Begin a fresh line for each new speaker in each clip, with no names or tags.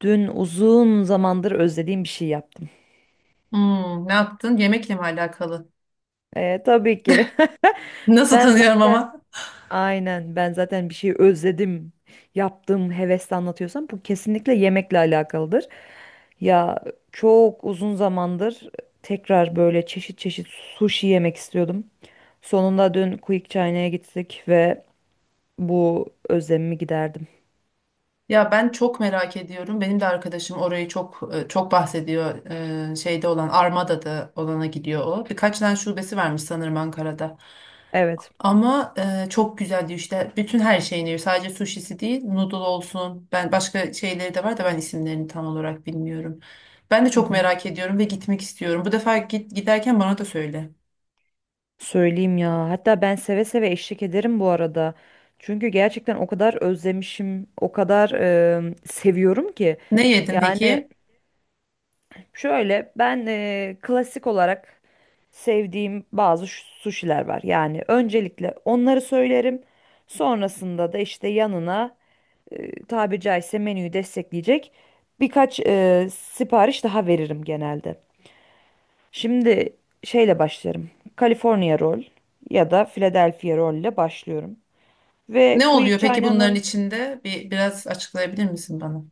Dün uzun zamandır özlediğim bir şey yaptım.
Hmm, ne yaptın? Yemekle mi alakalı?
Tabii ki.
Nasıl
Ben
tanıyorum
zaten
ama?
aynen Ben zaten bir şey özledim. Yaptığım hevesle anlatıyorsam bu kesinlikle yemekle alakalıdır. Ya çok uzun zamandır tekrar böyle çeşit çeşit sushi yemek istiyordum. Sonunda dün Quick China'ya gittik ve bu özlemimi giderdim.
Ya ben çok merak ediyorum. Benim de arkadaşım orayı çok çok bahsediyor. Şeyde olan Armada'da olana gidiyor o. Birkaç tane şubesi varmış sanırım Ankara'da.
Evet.
Ama çok güzel diyor işte. Bütün her şeyini yiyor. Sadece suşisi değil, noodle olsun. Ben başka şeyleri de var da ben isimlerini tam olarak bilmiyorum. Ben de
Hı
çok
hı.
merak ediyorum ve gitmek istiyorum. Bu defa git giderken bana da söyle.
Söyleyeyim ya. Hatta ben seve seve eşlik ederim bu arada. Çünkü gerçekten o kadar özlemişim, o kadar seviyorum ki.
Ne yedin
Yani
peki?
şöyle ben klasik olarak sevdiğim bazı suşiler var. Yani öncelikle onları söylerim. Sonrasında da işte yanına tabiri caizse menüyü destekleyecek birkaç sipariş daha veririm genelde. Şimdi şeyle başlarım. California Roll ya da Philadelphia Roll ile başlıyorum. Ve
Ne
Quick
oluyor peki bunların
China'nın
içinde? Biraz açıklayabilir misin bana?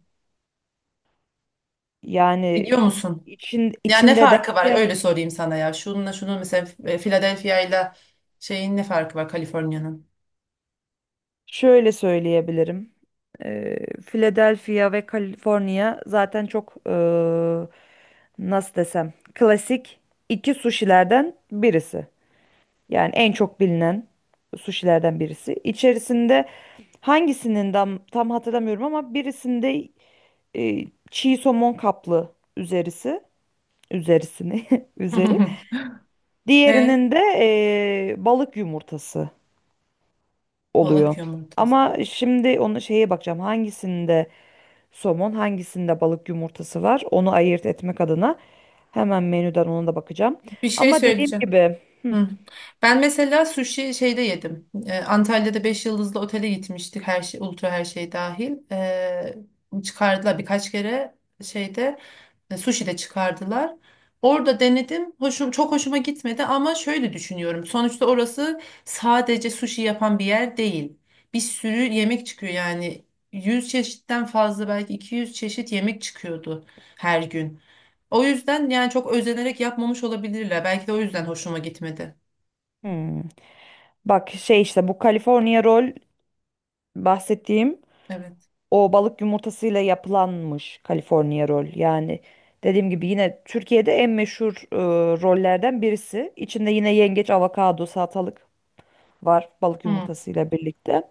yani
Biliyor musun? Ya ne
içinde
farkı var?
derken
Öyle sorayım sana ya. Şununla şunun mesela Philadelphia ile şeyin ne farkı var Kaliforniya'nın?
şöyle söyleyebilirim. Ee, Philadelphia ve California zaten çok nasıl desem, klasik iki suşilerden birisi. Yani en çok bilinen suşilerden birisi. İçerisinde hangisinin tam hatırlamıyorum ama birisinde e, çiğ somon kaplı üzerisi üzerisini üzeri.
E,
Diğerinin de balık yumurtası
balık
oluyor.
yumurtası.
Ama şimdi onu şeye bakacağım, hangisinde somon hangisinde balık yumurtası var, onu ayırt etmek adına hemen menüden ona da bakacağım.
Bir şey
Ama dediğim
söyleyeceğim.
gibi,
Hı. Ben mesela sushi şeyde yedim. Antalya'da 5 yıldızlı otele gitmiştik. Her şey, ultra her şey dahil. Çıkardılar birkaç kere şeyde sushi de çıkardılar. Orada denedim. Hoşum, çok hoşuma gitmedi ama şöyle düşünüyorum. Sonuçta orası sadece sushi yapan bir yer değil. Bir sürü yemek çıkıyor yani. 100 çeşitten fazla belki 200 çeşit yemek çıkıyordu her gün. O yüzden yani çok özenerek yapmamış olabilirler. Belki de o yüzden hoşuma gitmedi.
hmm, bak şey işte bu California roll bahsettiğim.
Evet.
O balık yumurtasıyla yapılanmış California roll. Yani dediğim gibi yine Türkiye'de en meşhur rollerden birisi. İçinde yine yengeç, avokado, salatalık var, balık
Hmm.
yumurtasıyla birlikte.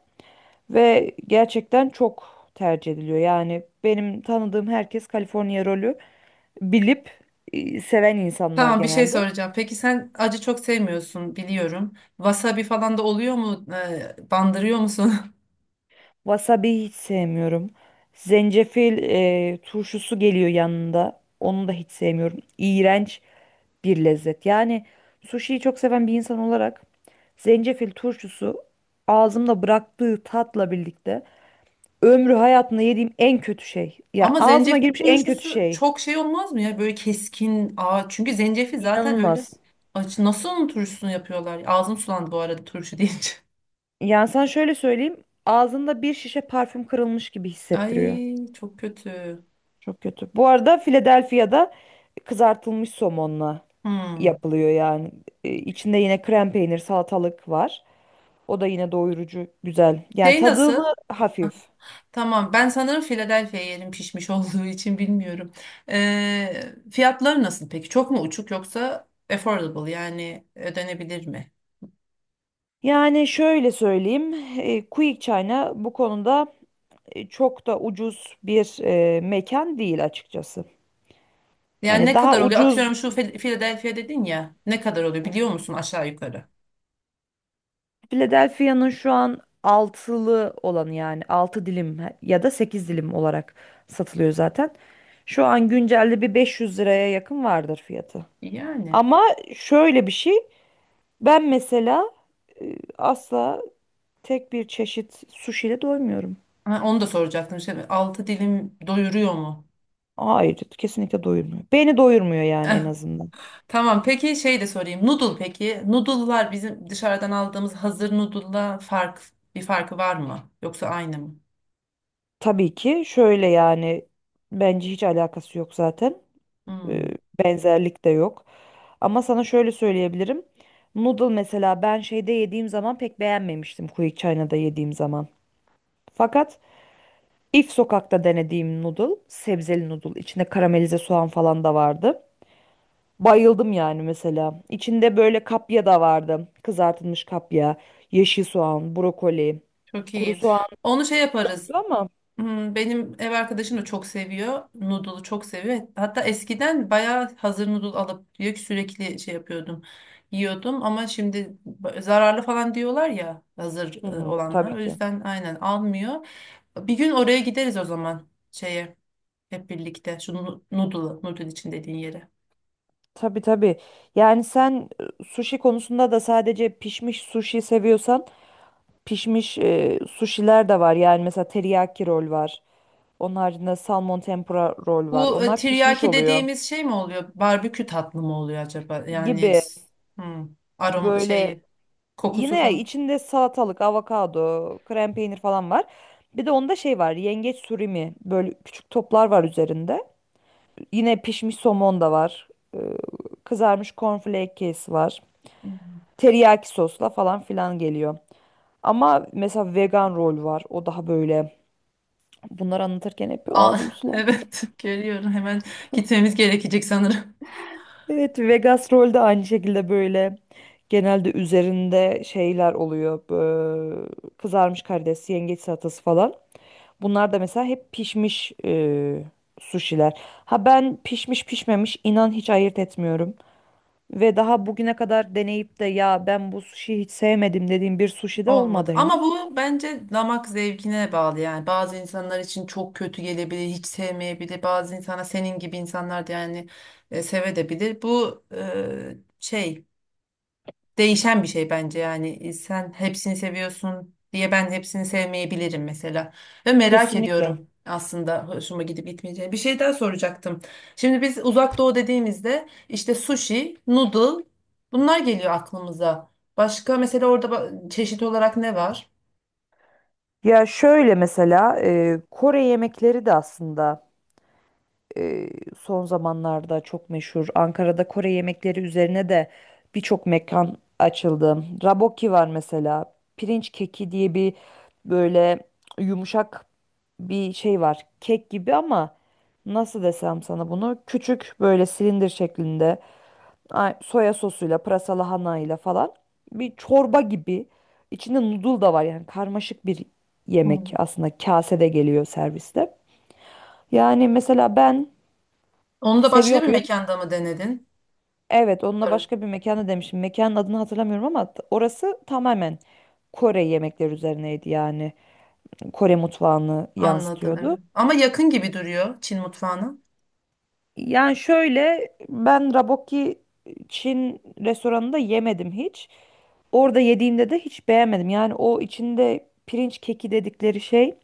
Ve gerçekten çok tercih ediliyor. Yani benim tanıdığım herkes California rolü bilip seven insanlar
Tamam bir şey
genelde.
soracağım. Peki sen acı çok sevmiyorsun biliyorum. Wasabi falan da oluyor mu? Bandırıyor musun?
Wasabi hiç sevmiyorum. Zencefil turşusu geliyor yanında. Onu da hiç sevmiyorum. İğrenç bir lezzet. Yani sushiyi çok seven bir insan olarak zencefil turşusu ağzımda bıraktığı tatla birlikte ömrü hayatımda yediğim en kötü şey. Yani
Ama
ağzıma
zencefil
girmiş en kötü
turşusu
şey.
çok şey olmaz mı ya? Böyle keskin. Aa, çünkü zencefil zaten öyle.
İnanılmaz.
Acı. Nasıl onun turşusunu yapıyorlar? Ağzım sulandı bu arada turşu deyince.
Yani sana şöyle söyleyeyim. Ağzında bir şişe parfüm kırılmış gibi hissettiriyor.
Ay çok kötü.
Çok kötü. Bu arada Philadelphia'da kızartılmış somonla
Hmm.
yapılıyor yani. İçinde yine krem peynir, salatalık var. O da yine doyurucu, güzel. Yani
Şey nasıl?
tadımı hafif.
Tamam, ben sanırım Philadelphia yerim pişmiş olduğu için bilmiyorum. Fiyatları nasıl peki? Çok mu uçuk yoksa affordable yani ödenebilir mi?
Yani şöyle söyleyeyim, Quick China bu konuda çok da ucuz bir mekan değil açıkçası.
Yani
Hani
ne
daha
kadar oluyor?
ucuz,
Atıyorum şu Philadelphia dedin ya. Ne kadar oluyor biliyor musun aşağı yukarı?
Philadelphia'nın şu an altılı olanı yani 6 dilim ya da 8 dilim olarak satılıyor zaten. Şu an güncelde bir 500 liraya yakın vardır fiyatı.
Yani.
Ama şöyle bir şey, ben mesela asla tek bir çeşit sushi ile doymuyorum.
Ha, onu da soracaktım. Şey, altı dilim doyuruyor mu?
Hayır, kesinlikle doyurmuyor. Beni doyurmuyor yani
Eh,
en azından.
tamam peki şey de sorayım. Noodle peki. Noodle'lar bizim dışarıdan aldığımız hazır noodle'la bir farkı var mı? Yoksa aynı mı?
Tabii ki şöyle yani bence hiç alakası yok zaten. Ee,
Hmm.
Benzerlik de yok. Ama sana şöyle söyleyebilirim. Noodle mesela ben şeyde yediğim zaman pek beğenmemiştim, Quick China'da yediğim zaman. Fakat If sokakta denediğim noodle, sebzeli noodle, içinde karamelize soğan falan da vardı. Bayıldım yani mesela. İçinde böyle kapya da vardı. Kızartılmış kapya, yeşil soğan, brokoli,
Çok
kuru
iyi.
soğan
Onu şey yaparız.
yoktu ama.
Hmm, benim ev arkadaşım da çok seviyor. Noodle'u çok seviyor. Hatta eskiden bayağı hazır noodle alıp diyor ki sürekli şey yapıyordum. Yiyordum ama şimdi zararlı falan diyorlar ya hazır
Hı hı,
olanlar.
tabii
O
ki.
yüzden aynen almıyor. Bir gün oraya gideriz o zaman şeye hep birlikte. Şu noodle'ı, noodle için dediğin yere.
Tabii tabii. Yani sen sushi konusunda da sadece pişmiş sushi seviyorsan pişmiş sushiler de var. Yani mesela teriyaki rol var. Onun haricinde salmon tempura rol var.
Bu
Onlar pişmiş
tiryaki
oluyor
dediğimiz şey mi oluyor? Barbekü tatlı mı oluyor acaba? Yani
gibi,
hmm, aroma
böyle
şeyi, kokusu
yine
falan.
içinde salatalık, avokado, krem peynir falan var. Bir de onda şey var. Yengeç surimi, böyle küçük toplar var üzerinde. Yine pişmiş somon da var. e, Kızarmış cornflake kesi var.
Hmm.
Teriyaki sosla falan filan geliyor. Ama mesela vegan rol var. O daha böyle. Bunları anlatırken hep
Aa,
ağzım sulandı.
evet, görüyorum. Hemen gitmemiz gerekecek sanırım.
Evet, Vegas rol de aynı şekilde böyle. Genelde üzerinde şeyler oluyor. Kızarmış karides, yengeç salatası falan. Bunlar da mesela hep pişmiş suşiler. Ha, ben pişmiş pişmemiş inan hiç ayırt etmiyorum. Ve daha bugüne kadar deneyip de ya ben bu suşiyi hiç sevmedim dediğim bir suşi de
Olmadı.
olmadı
Ama
henüz.
bu bence damak zevkine bağlı yani. Bazı insanlar için çok kötü gelebilir, hiç sevmeyebilir. Bazı insana senin gibi insanlar da yani sevebilir. Bu şey değişen bir şey bence yani. E, sen hepsini seviyorsun diye ben hepsini sevmeyebilirim mesela ve merak
Kesinlikle.
ediyorum aslında hoşuma gidip gitmeyeceğini. Bir şey daha soracaktım. Şimdi biz uzak doğu dediğimizde işte sushi, noodle bunlar geliyor aklımıza. Başka mesela orada çeşit olarak ne var?
Ya şöyle mesela Kore yemekleri de aslında e, son zamanlarda çok meşhur. Ankara'da Kore yemekleri üzerine de birçok mekan açıldı. Raboki var mesela. Pirinç keki diye bir, böyle yumuşak bir şey var. Kek gibi ama nasıl desem sana bunu? Küçük böyle silindir şeklinde. Ay, soya sosuyla, pırasalı lahanayla falan, bir çorba gibi. İçinde noodle da var, yani karmaşık bir yemek
Hmm.
aslında, kasede geliyor serviste. Yani mesela ben
Onu da başka
seviyor
bir
muyum?
mekanda mı denedin?
Evet, onunla
Evet.
başka bir mekana demişim. Mekanın adını hatırlamıyorum ama orası tamamen Kore yemekleri üzerineydi yani. Kore mutfağını
Anladım
yansıtıyordu.
evet. Ama yakın gibi duruyor Çin mutfağına.
Yani şöyle, ben raboki Çin restoranında yemedim hiç. Orada yediğimde de hiç beğenmedim. Yani o içinde pirinç keki dedikleri şey,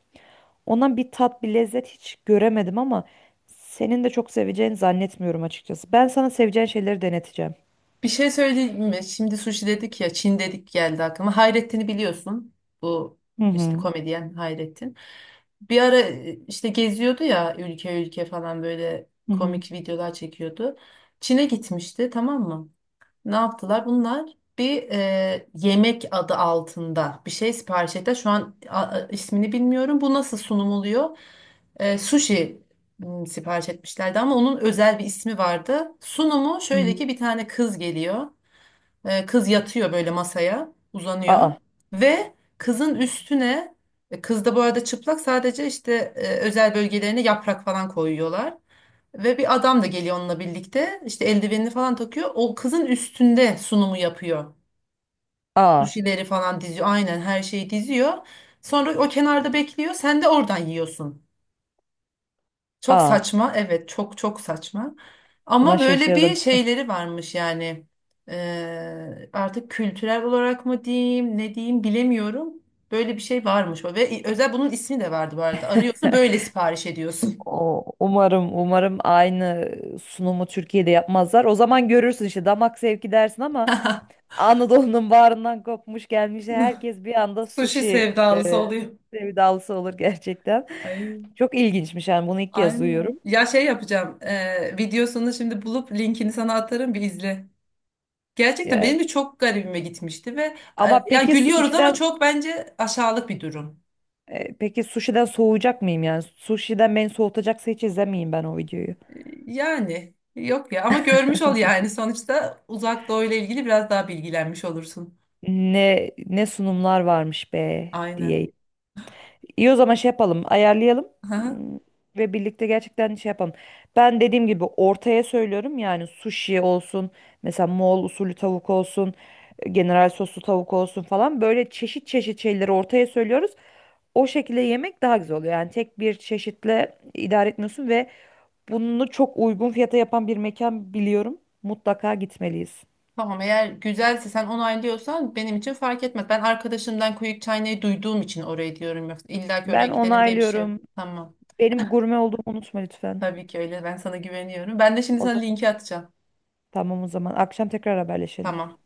ondan bir tat bir lezzet hiç göremedim, ama senin de çok seveceğini zannetmiyorum açıkçası. Ben sana seveceğin şeyleri deneteceğim.
Bir şey söyleyeyim mi? Şimdi sushi dedik ya, Çin dedik geldi aklıma. Hayrettin'i biliyorsun. Bu
Hı
işte
hı.
komedyen Hayrettin. Bir ara işte geziyordu ya ülke ülke falan böyle
Hı hı.
komik videolar çekiyordu. Çin'e gitmişti tamam mı? Ne yaptılar? Bunlar bir yemek adı altında bir şey sipariş ettiler. Şu an ismini bilmiyorum. Bu nasıl sunum oluyor? Sushi sipariş etmişlerdi ama onun özel bir ismi vardı. Sunumu
Hı
şöyle
hı.
ki bir tane kız geliyor. E, kız yatıyor böyle masaya, uzanıyor
Aa,
ve kızın üstüne kız da bu arada çıplak sadece işte özel bölgelerine yaprak falan koyuyorlar. Ve bir adam da geliyor onunla birlikte. İşte eldivenini falan takıyor. O kızın üstünde sunumu yapıyor.
aa,
Sushi'leri falan diziyor. Aynen her şeyi diziyor. Sonra o kenarda bekliyor. Sen de oradan yiyorsun. Çok
aa.
saçma. Evet, çok çok saçma.
Buna
Ama böyle bir
şaşırdım.
şeyleri varmış yani. Artık kültürel olarak mı diyeyim, ne diyeyim bilemiyorum. Böyle bir şey varmış. Ve özel bunun ismi de vardı bu arada. Arıyorsun böyle sipariş ediyorsun.
O, umarım aynı sunumu Türkiye'de yapmazlar. O zaman görürsün işte damak zevki dersin, ama Anadolu'nun bağrından kopmuş gelmiş herkes bir anda
Sushi
sushi
sevdalısı
e,
oluyor.
sevdalısı olur gerçekten.
Ay.
Çok ilginçmiş yani, bunu ilk kez
Aynen.
duyuyorum.
Ya şey yapacağım. Videosunu şimdi bulup linkini sana atarım bir izle. Gerçekten
Yani,
benim de çok garibime gitmişti ve
ama
ya
peki
gülüyoruz ama
sushi'den
çok bence aşağılık bir durum.
peki sushi'den soğuyacak mıyım yani? Sushi'den beni soğutacaksa hiç izlemeyeyim ben o videoyu.
E, yani yok ya ama görmüş ol yani sonuçta Uzak Doğu ile ilgili biraz daha bilgilenmiş olursun.
Ne sunumlar varmış be
Aynen.
diye. İyi o zaman şey yapalım, ayarlayalım.
Aha.
Hmm, ve birlikte gerçekten şey yapalım. Ben dediğim gibi ortaya söylüyorum, yani sushi olsun, mesela Moğol usulü tavuk olsun, general soslu tavuk olsun falan, böyle çeşit çeşit şeyleri ortaya söylüyoruz. O şekilde yemek daha güzel oluyor. Yani tek bir çeşitle idare etmiyorsun ve bunu çok uygun fiyata yapan bir mekan biliyorum. Mutlaka gitmeliyiz.
Tamam eğer güzelse sen onaylıyorsan benim için fark etmez. Ben arkadaşımdan Kuyuk Çaynay'ı duyduğum için oraya diyorum yoksa illa ki oraya
Ben
gidelim diye bir şey yok.
onaylıyorum.
Tamam.
Benim gurme olduğumu unutma lütfen.
Tabii ki öyle. Ben sana güveniyorum. Ben de şimdi
O
sana
zaman,
linki atacağım.
tamam, o zaman akşam tekrar haberleşelim.
Tamam.